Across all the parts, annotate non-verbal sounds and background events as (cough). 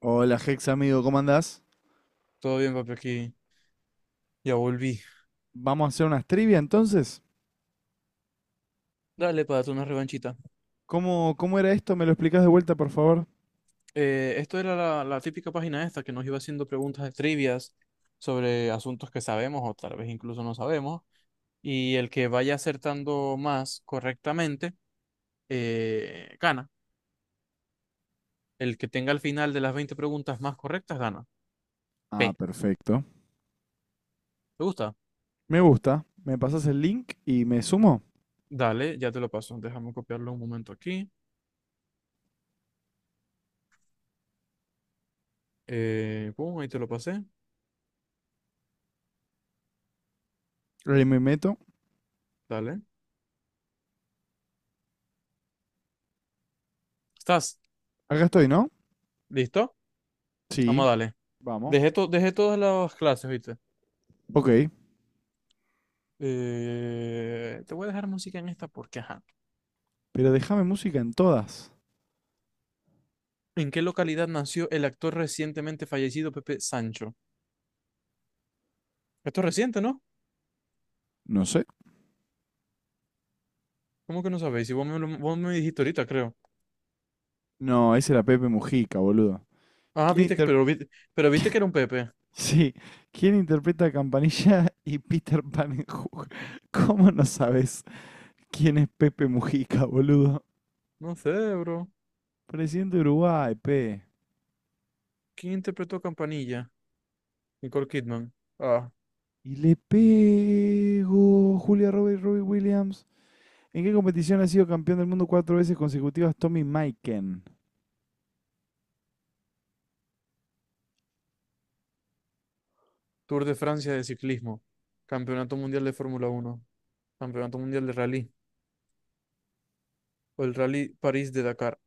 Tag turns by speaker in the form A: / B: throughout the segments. A: Hola, Hex amigo, ¿cómo andás?
B: Todo bien, papi, aquí ya volví.
A: Vamos a hacer unas trivia entonces.
B: Dale, para darte una revanchita.
A: ¿Cómo era esto? ¿Me lo explicás de vuelta, por favor?
B: Esto era la típica página esta que nos iba haciendo preguntas de trivias sobre asuntos que sabemos o tal vez incluso no sabemos. Y el que vaya acertando más correctamente, gana. El que tenga al final de las 20 preguntas más correctas, gana.
A: Ah,
B: P.
A: perfecto.
B: ¿Te gusta?
A: Me gusta. Me pasas el link y me sumo.
B: Dale, ya te lo paso. Déjame copiarlo un momento aquí. Pum, ahí te lo pasé.
A: Ahí me meto.
B: Dale. ¿Estás?
A: Acá estoy, ¿no?
B: ¿Listo?
A: Sí,
B: Vamos, dale.
A: vamos.
B: Dejé todas las clases, ¿viste?
A: Ok.
B: Te voy a dejar música en esta porque, ajá.
A: Pero déjame música en todas.
B: ¿En qué localidad nació el actor recientemente fallecido Pepe Sancho? Esto es reciente, ¿no?
A: No sé.
B: ¿Cómo que no sabéis? Si vos me dijiste ahorita, creo.
A: No, ese era Pepe Mujica, boludo.
B: Ah,
A: ¿Quién
B: viste,
A: inter... (laughs)
B: pero viste que era un Pepe.
A: Sí. ¿Quién interpreta a Campanilla y Peter Pan en Hook? (laughs) ¿Cómo no sabes quién es Pepe Mujica, boludo?
B: No sé, bro.
A: Presidente de Uruguay, pe.
B: ¿Quién interpretó a Campanilla? Nicole Kidman. Ah,
A: Y le pego Julia Roberts, Robbie Williams. ¿En qué competición ha sido campeón del mundo cuatro veces consecutivas Tommy Maiken
B: Tour de Francia de ciclismo. Campeonato Mundial de Fórmula Uno. Campeonato Mundial de Rally. O el Rally París de Dakar.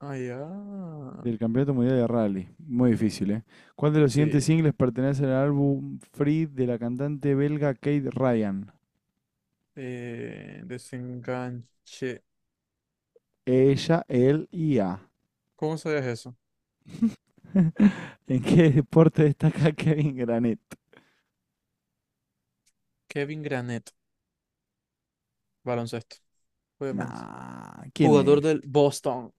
B: Ah, ya.
A: del Campeonato Mundial de Rally? Muy difícil, ¿eh? ¿Cuál de los siguientes
B: Sí.
A: singles pertenece al álbum Free de la cantante belga Kate Ryan?
B: Desenganche.
A: Ella, él y A.
B: ¿Cómo sabías eso?
A: (laughs) ¿En qué deporte destaca Kevin Granet?
B: Kevin Garnett, baloncesto, obviamente.
A: Nah, ¿quién
B: Jugador
A: es?
B: del Boston.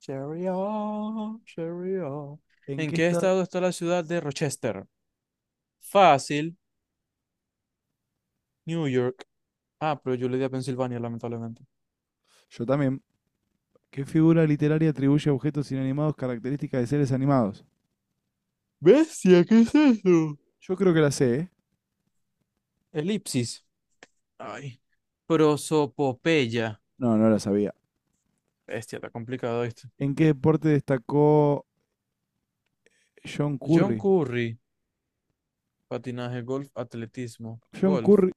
B: Cherry on, cherry on.
A: ¿En
B: ¿En
A: qué
B: qué
A: estado?
B: estado está la ciudad de Rochester? Fácil, New York. Ah, pero yo le di a Pensilvania, lamentablemente.
A: Yo también. ¿Qué figura literaria atribuye a objetos inanimados características de seres animados?
B: Bestia, ¿qué es eso?
A: Yo creo que la sé, ¿eh?
B: Elipsis. Ay. Prosopopeya.
A: No, no la sabía.
B: Bestia, está complicado este.
A: ¿En qué deporte destacó John
B: John
A: Curry?
B: Curry. Patinaje, golf, atletismo.
A: John
B: Golf.
A: Curry,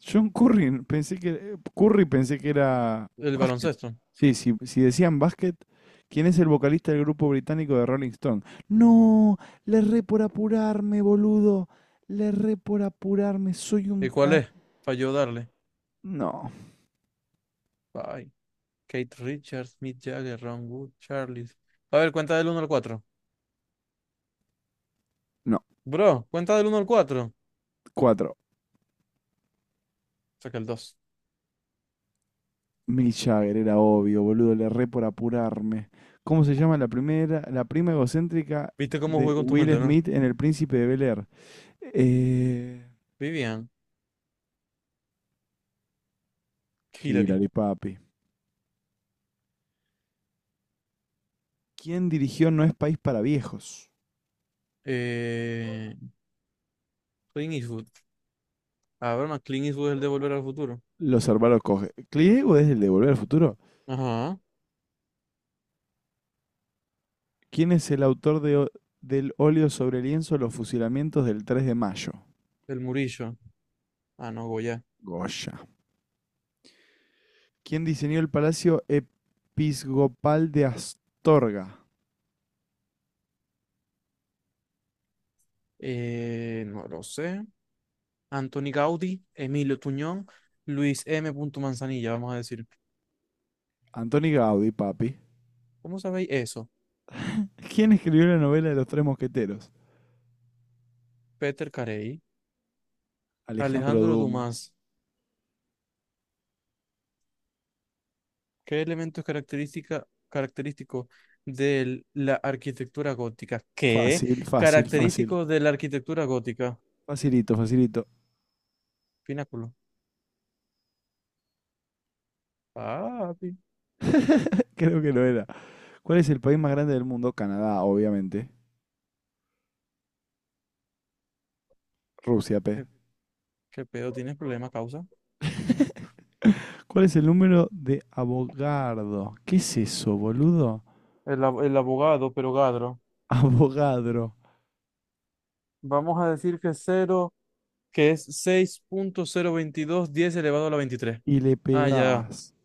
A: John Curry pensé que era
B: El
A: básquet.
B: baloncesto.
A: Sí, sí, si decían básquet, ¿quién es el vocalista del grupo británico de Rolling Stone? No, le re por apurarme, boludo. Le re por apurarme, soy
B: ¿Y
A: un
B: cuál
A: ta-
B: es? Falló darle.
A: No,
B: Bye. Kate Richards, Mick Jagger, Ron Wood, Charles. A ver, cuenta del uno al cuatro.
A: no.
B: Bro, cuenta del uno al 4.
A: Cuatro.
B: Saca el dos.
A: Mick Jagger, era obvio, boludo, le re por apurarme. ¿Cómo se llama la prima egocéntrica
B: ¿Viste cómo
A: de
B: jugué con tu
A: Will
B: mente, no?
A: Smith en El Príncipe de Bel-Air? Eh,
B: Vivian, Hillary,
A: Hillary, papi. ¿Quién dirigió No es país para viejos?
B: eh, Clint Eastwood. A ver, más Clint Eastwood es el de Volver al Futuro.
A: Los hermanos coge. ¿Clint Eastwood es el de Volver al Futuro?
B: Ajá.
A: ¿Quién es el autor del óleo sobre lienzo Los fusilamientos del 3 de mayo?
B: El Murillo. Ah, no, Goya.
A: Goya. ¿Quién diseñó el Palacio Episcopal de Astorga?
B: No lo sé. Anthony Gaudí, Emilio Tuñón, Luis M. Manzanilla, vamos a decir.
A: Antoni Gaudí, papi.
B: ¿Cómo sabéis eso?
A: ¿Quién escribió la novela de los tres mosqueteros?
B: Peter Carey,
A: Alejandro
B: Alejandro
A: Dumas.
B: Dumas. ¿Qué elemento es característica, característico de la arquitectura gótica? ¿Qué?
A: Fácil, fácil, fácil.
B: Característico de la arquitectura gótica.
A: Facilito, facilito.
B: Pináculo. Papi,
A: Creo que lo era. ¿Cuál es el país más grande del mundo? Canadá, obviamente. Rusia, P.
B: ¿qué, qué pedo? ¿Tienes problema, causa?
A: ¿Cuál es el número de Avogadro? ¿Qué es eso, boludo?
B: El, el abogado, pero Gadro.
A: (laughs) Avogadro.
B: Vamos a decir que cero, que es seis punto cero veintidós diez elevado a la 23.
A: Y le
B: Ah, ya.
A: pegás.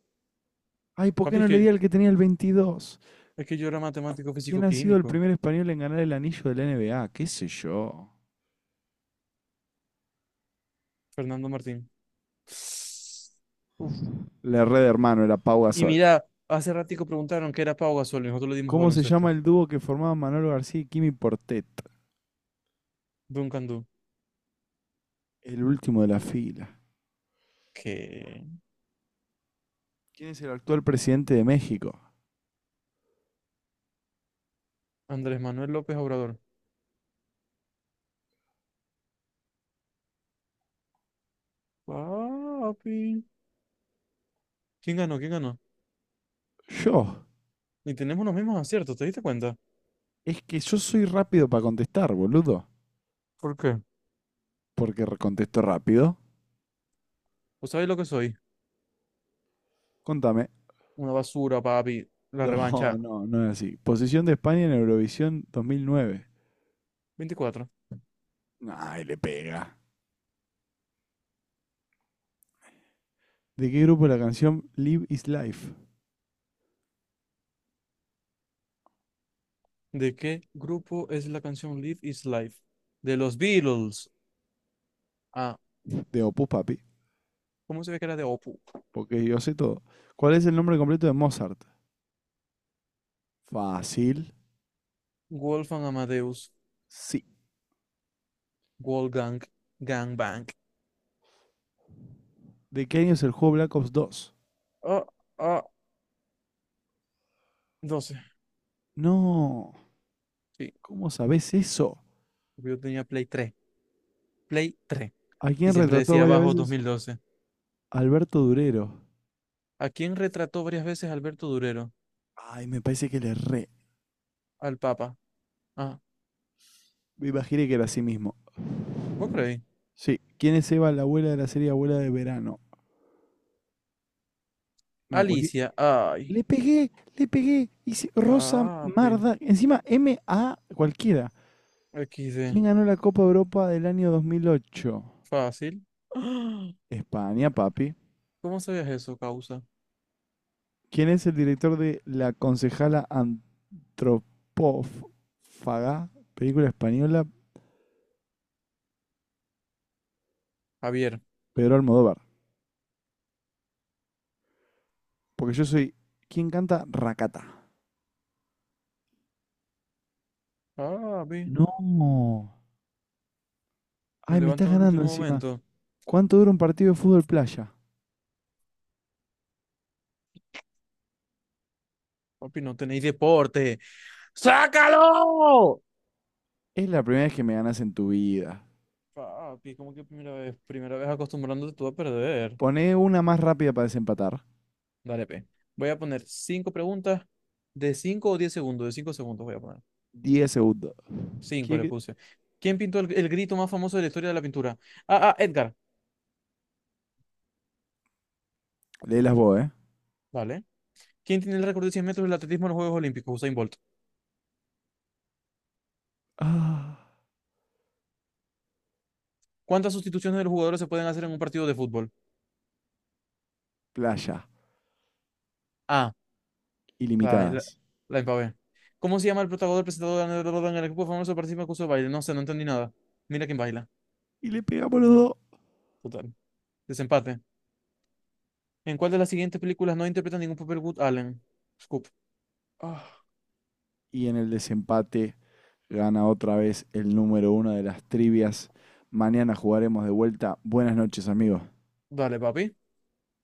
A: Ay, ¿por qué
B: Papi, es
A: no le di
B: que,
A: al que tenía el 22?
B: es que yo era matemático
A: ¿Quién ha sido el
B: físico-químico.
A: primer español en ganar el anillo de la NBA? ¿Qué sé yo?
B: Fernando Martín. Uf.
A: Le red hermano, era Pau
B: Y
A: Gasol.
B: mira, hace ratico preguntaron qué era Pau Gasol y nosotros le dimos a
A: ¿Cómo se llama
B: baloncesto.
A: el dúo que formaban Manolo García y Kimi Portet?
B: Duncan Du.
A: El último de la fila.
B: ¿Qué?
A: ¿Quién es el actual presidente de México?
B: Andrés Manuel López Obrador. Papi. ¿Quién ganó? ¿Quién ganó?
A: Yo.
B: Y tenemos los mismos aciertos, ¿te diste cuenta?
A: Es que yo soy rápido para contestar, boludo.
B: ¿Por qué?
A: Porque contesto rápido.
B: ¿Vos sabés lo que soy?
A: Contame.
B: Una basura, papi. La revancha.
A: No, no, no es así. Posición de España en Eurovisión 2009.
B: 24.
A: Ay, le pega. ¿De qué grupo es la canción Live is Life?
B: ¿De qué grupo es la canción Live is Life? De los Beatles. Ah,
A: De Opus Papi,
B: ¿cómo se ve que era de Opus?
A: porque yo sé todo. ¿Cuál es el nombre completo de Mozart? Fácil.
B: Wolfgang Amadeus.
A: Sí.
B: Wolfgang Gangbang.
A: ¿De qué año es el juego Black Ops 2?
B: Ah, ah, 12.
A: No,
B: Sí,
A: ¿cómo sabés eso?
B: porque yo tenía Play tres.
A: ¿A
B: Y
A: quién
B: siempre
A: retrató
B: decía
A: varias
B: abajo
A: veces?
B: 2012.
A: Alberto Durero.
B: ¿A quién retrató varias veces Alberto Durero?
A: Ay, me parece que le re.
B: Al Papa. Ah,
A: Me imaginé que era así mismo.
B: ¿vos creéis?
A: Sí. ¿Quién es Eva, la abuela de la serie Abuela de Verano? No, cualquier...
B: Alicia. Ay,
A: Le pegué, le pegué. Hice Rosa
B: papi.
A: Marda. Encima M A cualquiera. ¿Quién
B: XD.
A: ganó la Copa Europa del año 2008?
B: Fácil. (gasps) ¡Ah!
A: España, papi.
B: ¿Cómo sabías eso, causa?
A: ¿Quién es el director de La concejala antropófaga? Película española,
B: Javier.
A: Pedro Almodóvar. Porque yo soy ¿Quién canta Racata.
B: Papi.
A: No.
B: Me
A: Ay, me
B: levanto
A: estás
B: en el
A: ganando
B: último
A: encima.
B: momento.
A: ¿Cuánto dura un partido de fútbol playa?
B: Papi, no tenéis deporte. ¡Sácalo!
A: Es la primera vez que me ganas en tu vida.
B: Papi, ¿cómo que primera vez? Primera vez acostumbrándote tú a perder.
A: Poné una más rápida para desempatar.
B: Dale, pe. Voy a poner cinco preguntas de 5 o 10 segundos. De 5 segundos voy a poner.
A: 10 segundos.
B: Cinco le
A: ¿Quién-
B: puse. ¿Quién pintó el grito más famoso de la historia de la pintura? Edgar.
A: Léelas vos, ¿eh?
B: Vale. ¿Quién tiene el récord de 100 metros del atletismo en los Juegos Olímpicos? Usain Bolt.
A: Ah,
B: ¿Cuántas sustituciones de los jugadores se pueden hacer en un partido de fútbol?
A: playa,
B: Ah, la, la,
A: ilimitadas.
B: la empavé. ¿Cómo se llama el protagonista presentador de en el equipo famoso que participa en el curso de baile? No sé, no entendí nada. Mira quién baila.
A: Y le pegamos los dos.
B: Total. Desempate. ¿En cuál de las siguientes películas no interpreta ningún papel Wood Allen? Scoop. Ah,
A: Y en el desempate gana otra vez el número uno de las trivias. Mañana jugaremos de vuelta. Buenas noches, amigos.
B: dale, papi.